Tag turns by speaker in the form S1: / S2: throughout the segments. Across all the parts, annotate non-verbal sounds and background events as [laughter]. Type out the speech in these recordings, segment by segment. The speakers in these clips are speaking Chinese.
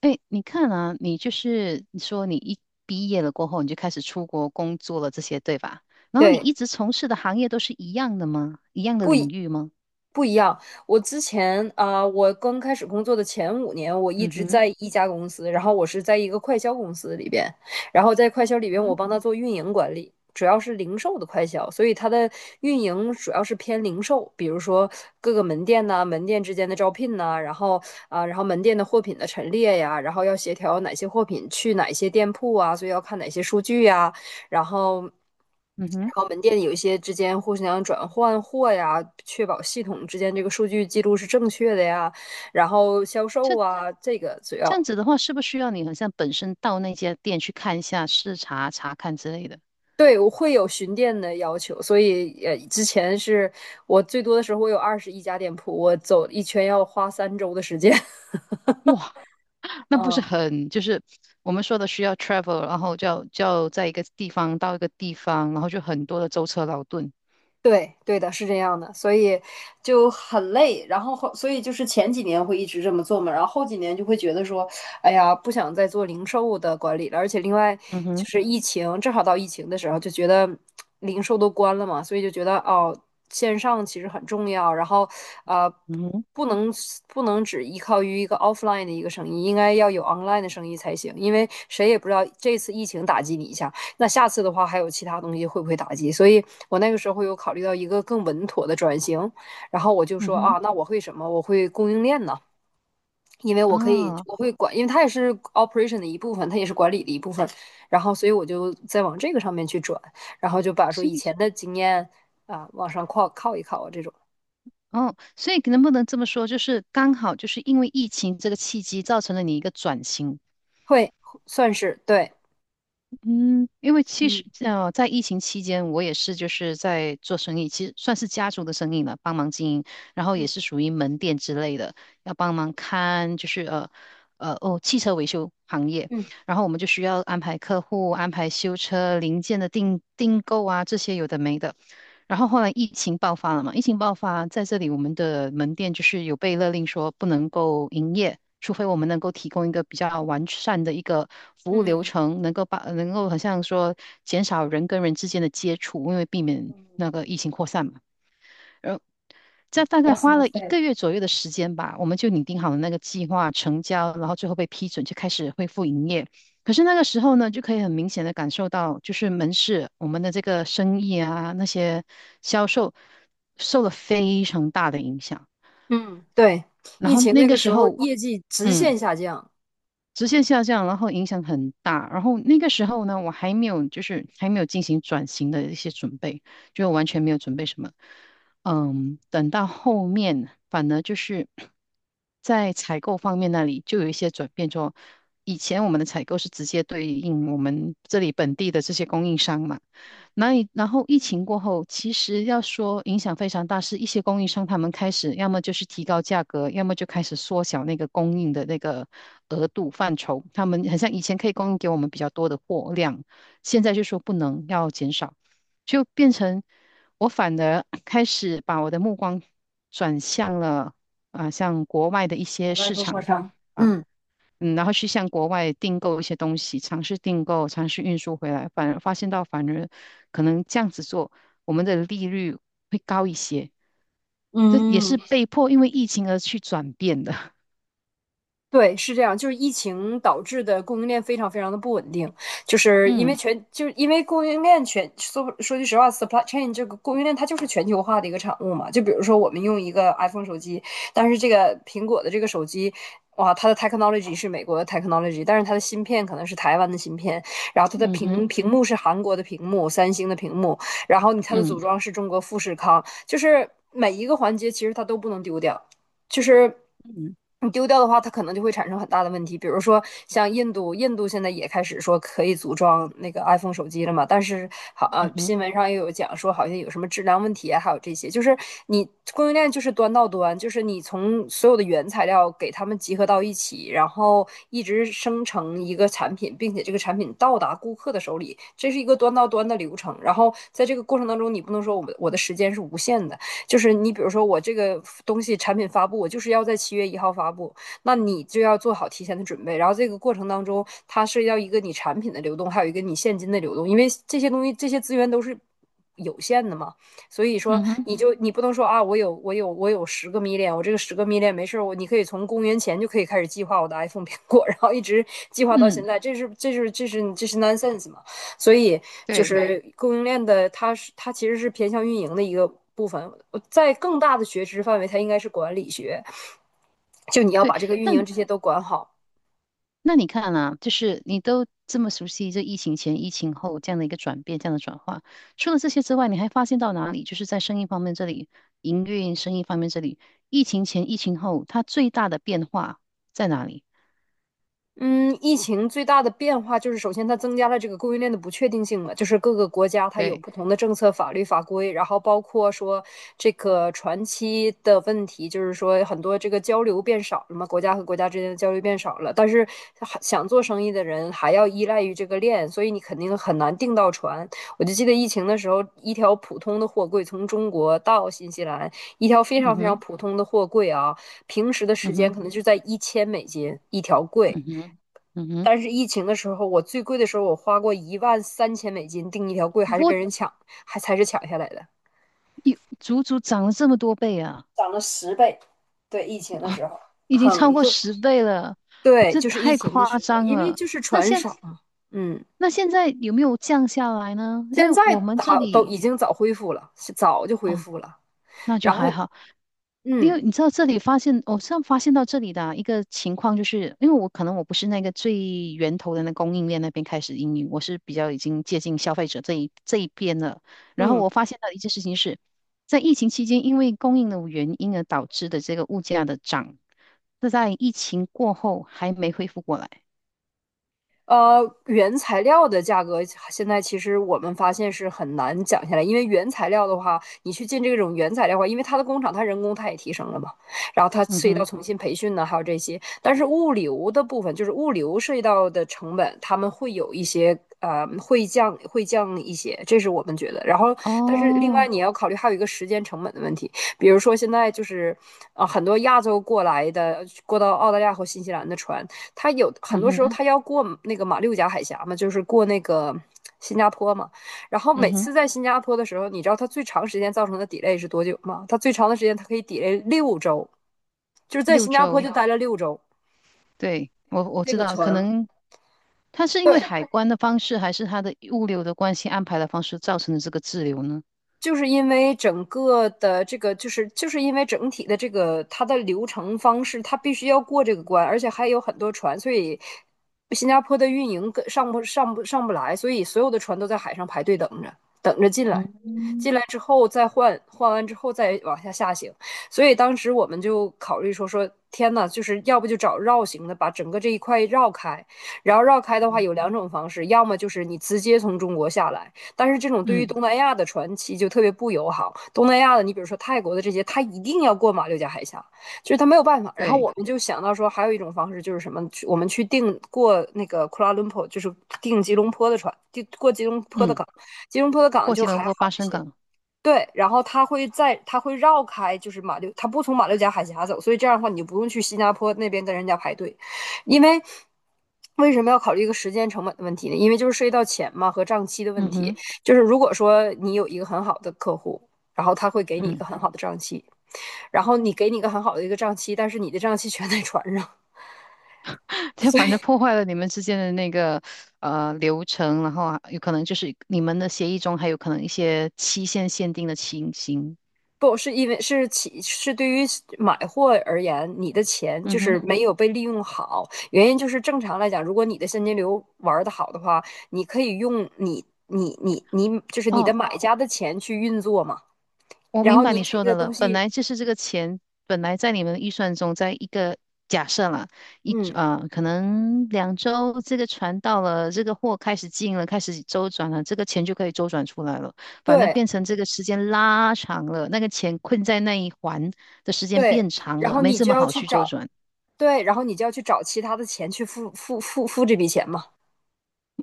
S1: 哎，你看啊，你就是你说你一毕业了过后，你就开始出国工作了，这些对吧？然后你
S2: 对，
S1: 一直从事的行业都是一样的吗？一样的领域吗？
S2: 不一样。我之前啊、呃我刚开始工作的前5年，我一
S1: 嗯
S2: 直
S1: 哼，
S2: 在一家公司，然后我是在一个快销公司里边，然后在快销里
S1: 嗯
S2: 边，我
S1: 哼，
S2: 帮他做运营管理，主要是零售的快销，所以它的运营主要是偏零售，比如说各个门店呐、门店之间的招聘呐、然后门店的货品的陈列呀，然后要协调哪些货品去哪些店铺啊，所以要看哪些数据呀，然后，然
S1: 嗯哼，
S2: 后门店有一些之间互相转换货呀，确保系统之间这个数据记录是正确的呀，然后销售啊，这个主
S1: 这样
S2: 要。
S1: 子的话，是不是需要你好像本身到那家店去看一下、视察、查看之类的？
S2: 对，我会有巡店的要求，所以之前是我最多的时候，我有21家店铺，我走一圈要花3周的时间。[laughs]
S1: 哇，那不是
S2: 嗯，
S1: 很就是我们说的需要 travel，然后就要在一个地方到一个地方，然后就很多的舟车劳顿。
S2: 对，对的，是这样的，所以就很累。然后后，所以就是前几年会一直这么做嘛，然后后几年就会觉得说，哎呀，不想再做零售的管理了。而且另外
S1: 嗯
S2: 就
S1: 哼，
S2: 是疫情，正好到疫情的时候，就觉得零售都关了嘛，所以就觉得哦，线上其实很重要。然后，呃，
S1: 嗯哼，
S2: 不能不能只依靠于一个 offline 的一个生意，应该要有 online 的生意才行，因为谁也不知道这次疫情打击你一下。那下次的话还有其他东西会不会打击？所以我那个时候有考虑到一个更稳妥的转型，然后我就
S1: 嗯
S2: 说
S1: 哼，
S2: 啊，那我会什么？我会供应链呢，因为我可以，
S1: 啊。
S2: 我会管，因为它也是 operation 的一部分，它也是管理的一部分。然后，所以我就再往这个上面去转，然后就把说
S1: 所
S2: 以
S1: 以。
S2: 前的经验啊往上靠靠一靠啊，这种
S1: 哦，所以能不能这么说，就是刚好就是因为疫情这个契机，造成了你一个转型。
S2: 会算是对，
S1: 嗯，因为其实
S2: 嗯
S1: 在疫情期间，我也是就是在做生意，其实算是家族的生意了，帮忙经营，然后也
S2: 嗯
S1: 是属于门店之类的，要帮忙看就是汽车维修行业，
S2: 嗯
S1: 然后我们就需要安排客户、安排修车零件的订购啊，这些有的没的。然后后来疫情爆发了嘛，疫情爆发在这里，我们的门店就是有被勒令说不能够营业，除非我们能够提供一个比较完善的一个服务流
S2: 嗯
S1: 程，能够把能够好像说减少人跟人之间的接触，因为避免
S2: 嗯
S1: 那个疫情扩散嘛。在大概花了一个月左右的时间吧，我们就拟定好了那个计划，成交，然后最后被批准，就开始恢复营业。可是那个时候呢，就可以很明显的感受到，就是门市我们的这个生意啊，那些销售受了非常大的影响。
S2: 嗯，对，
S1: 然
S2: 疫
S1: 后
S2: 情
S1: 那
S2: 那
S1: 个
S2: 个
S1: 时
S2: 时候
S1: 候，
S2: 业绩直
S1: 嗯。
S2: 线下降，
S1: 直线下降，然后影响很大。然后那个时候呢，我还没有就是还没有进行转型的一些准备，就完全没有准备什么。嗯，等到后面反而就是在采购方面那里就有一些转变，就以前我们的采购是直接对应我们这里本地的这些供应商嘛。然后疫情过后，其实要说影响非常大，是一些供应商他们开始要么就是提高价格，要么就开始缩小那个供应的那个额度范畴。他们很像以前可以供应给我们比较多的货量，现在就说不能，要减少，就变成我反而 [coughs] 开始把我的目光转向了啊、像国外的一些
S2: 百万
S1: 市
S2: 供货
S1: 场。
S2: 商，
S1: 啊。
S2: 嗯。
S1: 嗯，然后去向国外订购一些东西，尝试订购，尝试运输回来，反而发现到反而可能这样子做，我们的利率会高一些。这也是
S2: 嗯，
S1: 被迫因为疫情而去转变的。[laughs]
S2: 对，是这样，就是疫情导致的供应链非常非常的不稳定，就是因为
S1: 嗯
S2: 全，就是因为供应链说句实话，supply chain 这个供应链它就是全球化的一个产物嘛。就比如说我们用一个 iPhone 手机，但是这个苹果的这个手机，哇，它的 technology 是美国的 technology，但是它的芯片可能是台湾的芯片，然后它的
S1: 嗯哼
S2: 屏幕是韩国的屏幕，三星的屏幕，然后它的组
S1: 嗯
S2: 装是中国富士康，就是每一个环节其实它都不能丢掉。就是
S1: 嗯
S2: 你丢掉的话，它可能就会产生很大的问题。比如说像印度，印度现在也开始说可以组装那个 iPhone 手机了嘛，但是
S1: 嗯哼
S2: 新闻上又有讲说好像有什么质量问题啊，还有这些，就是你供应链就是端到端，就是你从所有的原材料给他们集合到一起，然后一直生成一个产品，并且这个产品到达顾客的手里，这是一个端到端的流程。然后在这个过程当中，你不能说我的时间是无限的。就是你比如说我这个东西产品发布，我就是要在7月1号发布，那你就要做好提前的准备。然后这个过程当中，它涉及到一个你产品的流动，还有一个你现金的流动，因为这些东西这些资源都是。有限的嘛，所以说
S1: 嗯哼
S2: 你不能说啊，我有十个 m 恋，我这个十个 m 恋没事你可以从公元前就可以开始计划我的 iPhone 苹果，然后一直计划到现
S1: 嗯，
S2: 在，这是 nonsense 嘛？所以就
S1: 对
S2: 是供应链的，它其实是偏向运营的一个部分。在更大的学知范围，它应该是管理学，就你要
S1: 对。
S2: 把这个运
S1: 那
S2: 营这些都管好。
S1: 那你看啊，就是你都这么熟悉这疫情前、疫情后这样的一个转变、这样的转化，除了这些之外，你还发现到哪里？就是在生意方面这里，营运生意方面这里，疫情前、疫情后，它最大的变化在哪里？
S2: 嗯，疫情最大的变化就是，首先它增加了这个供应链的不确定性嘛，就是各个国家它有
S1: 对，
S2: 不同的政策、法律法规，然后包括说这个船期的问题，就是说很多这个交流变少了嘛，国家和国家之间的交流变少了，但是还想做生意的人还要依赖于这个链，所以你肯定很难订到船。我就记得疫情的时候，一条普通的货柜从中国到新西兰，一条非
S1: 嗯
S2: 常非常
S1: 哼，
S2: 普通的货柜啊，平时的时
S1: 嗯
S2: 间
S1: 哼，
S2: 可能就在1000美金一条
S1: 嗯
S2: 柜。
S1: 哼，嗯哼，
S2: 但是疫情的时候，我最贵的时候，我花过13,000美金订一条贵，还是
S1: 我
S2: 跟人抢，还才是抢下来的，
S1: 有足足涨了这么多倍啊，
S2: 涨了10倍。对，疫情的时候
S1: 已经超
S2: 很
S1: 过
S2: 贵。
S1: 10倍了，
S2: 对，
S1: 这
S2: 就是疫
S1: 太
S2: 情的
S1: 夸
S2: 时候，
S1: 张
S2: 因为
S1: 了。
S2: 就是
S1: 那
S2: 船
S1: 现
S2: 少嘛。嗯，
S1: 那现在有没有降下来呢？因
S2: 现
S1: 为
S2: 在
S1: 我们这
S2: 好都
S1: 里
S2: 已经早恢复了，是早就恢
S1: 哦，
S2: 复了。
S1: 那就
S2: 然后，
S1: 还好。因
S2: 嗯
S1: 为你知道这里发现，我上发现到这里的啊一个情况，就是因为我可能我不是那个最源头的那供应链那边开始应用，我是比较已经接近消费者这一边了。然后
S2: 嗯。
S1: 我发现到一件事情是，在疫情期间，因为供应的原因而导致的这个物价的涨，那在疫情过后还没恢复过来。
S2: 原材料的价格现在其实我们发现是很难讲下来，因为原材料的话，你去进这种原材料的话，因为它的工厂它人工它也提升了嘛，然后它
S1: 嗯
S2: 涉及到
S1: 哼，
S2: 重新培训呢，还有这些。但是物流的部分，就是物流涉及到的成本，他们会有一些会降一些，这是我们觉得。然后，但是另外
S1: 哦，
S2: 你要考虑还有一个时间成本的问题，比如说现在就是很多亚洲过来的过到澳大利亚和新西兰的船，他有很
S1: 嗯
S2: 多时候
S1: 哼，
S2: 他要过那个马六甲海峡嘛，就是过那个新加坡嘛。然后
S1: 嗯
S2: 每
S1: 哼，
S2: 次在新加坡的时候，你知道他最长时间造成的 delay 是多久吗？他最长的时间他可以 delay 六周，就是在
S1: 六
S2: 新加坡
S1: 周，
S2: 就待了六周。
S1: 对，我
S2: 这
S1: 知
S2: 个
S1: 道，可
S2: 船
S1: 能它是因为海
S2: 对
S1: 关的方式，还是它的物流的关系安排的方式造成的这个滞留呢？
S2: 就是因为整个的这个，就是因为整体的这个它的流程方式，它必须要过这个关，而且还有很多船，所以新加坡的运营跟上不上不上不来，所以所有的船都在海上排队等着，等着进来，
S1: 嗯
S2: 进来之后再换，换完之后再往下行。所以当时我们就考虑说，天呐，就是要不就找绕行的，把整个这一块绕开，然后绕开的话有两种方式，要么就是你直接从中国下来。但是这种对于
S1: 嗯，
S2: 东南亚的船期就特别不友好。东南亚的，你比如说泰国的这些，他一定要过马六甲海峡，就是他没有办法。然后
S1: 对，
S2: 我们就想到说，还有一种方式就是什么？我们去订过那个库拉伦坡，就是订吉隆坡的船，订过吉隆坡的
S1: 嗯，
S2: 港。吉隆坡的港
S1: 过
S2: 就
S1: 吉
S2: 还
S1: 隆
S2: 好
S1: 坡巴
S2: 一
S1: 生
S2: 些，
S1: 港，
S2: 对，然后他会绕开，就是马六，他不从马六甲海峡走，所以这样的话，你就不用去新加坡那边跟人家排队，因为为什么要考虑一个时间成本的问题呢？因为就是涉及到钱嘛和账期的问
S1: 嗯
S2: 题，
S1: 哼，
S2: 就是如果说你有一个很好的客户。然后他会给你一
S1: 嗯，
S2: 个很好的账期，然后给你一个很好的账期，但是你的账期全在船上，
S1: [laughs] 就反正破坏了你们之间的那个流程，然后啊有可能就是你们的协议中还有可能一些期限限定的情形。
S2: 不是因为是起是对于买货而言，你的钱就
S1: 嗯哼，
S2: 是没有被利用好。原因就是正常来讲，如果你的现金流玩得好的话，你可以用你你你你就是你的
S1: 哦。
S2: 买家的钱去运作嘛。
S1: 我
S2: 然
S1: 明
S2: 后
S1: 白
S2: 你
S1: 你
S2: 这
S1: 说
S2: 个
S1: 的了，
S2: 东
S1: 本
S2: 西，
S1: 来就是这个钱，本来在你们的预算中，在一个假设啦，
S2: 嗯，
S1: 可能2周这个船到了，这个货开始进了，开始周转了，这个钱就可以周转出来了。反正
S2: 对
S1: 变成这个时间拉长了，那个钱困在那一环的时间
S2: 对，
S1: 变长
S2: 然
S1: 了，
S2: 后
S1: 没
S2: 你
S1: 这
S2: 就
S1: 么
S2: 要
S1: 好
S2: 去
S1: 去周
S2: 找，
S1: 转。
S2: 对，然后你就要去找其他的钱去付这笔钱嘛。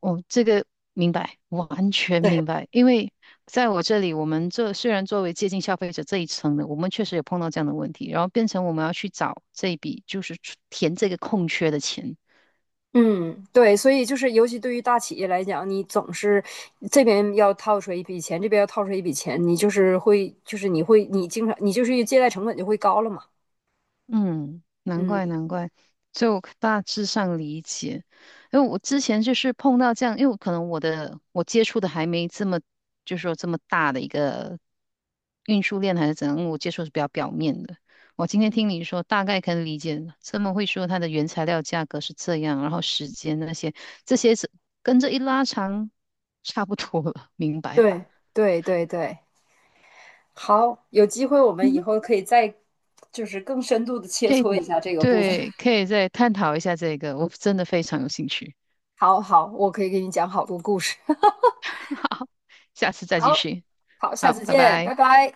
S1: 我这个明白，完全明
S2: 对。
S1: 白。因为在我这里，我们这虽然作为接近消费者这一层的，我们确实有碰到这样的问题，然后变成我们要去找这一笔，就是出填这个空缺的钱。
S2: 嗯，对，所以就是尤其对于大企业来讲，你总是这边要套出来一笔钱，这边要套出来一笔钱，你就是会，就是你会，你经常，你就是借贷成本就会高了嘛。
S1: 嗯，难怪
S2: 嗯，
S1: 难怪，就大致上理解。因为我之前就是碰到这样，因为可能我的我接触的还没这么，就是说这么大的一个运输链还是怎样，我接触是比较表面的。我今天听你说，大概可以理解了。这么会说它的原材料价格是这样，然后时间那些这些是跟着一拉长，差不多了，明白了。
S2: 对，对，对，对。好，有机会我们
S1: 嗯
S2: 以
S1: 哼，
S2: 后可以再就是更深度的切
S1: 可以，
S2: 磋一下这个部分。
S1: 对，
S2: [laughs]
S1: 可以再探讨一下这个，我真的非常有兴趣。
S2: 好好，我可以给你讲好多故事。[laughs]
S1: 好，下次再继
S2: 好，
S1: 续。
S2: 好，下
S1: 好，
S2: 次
S1: 拜
S2: 见，
S1: 拜。
S2: 拜拜。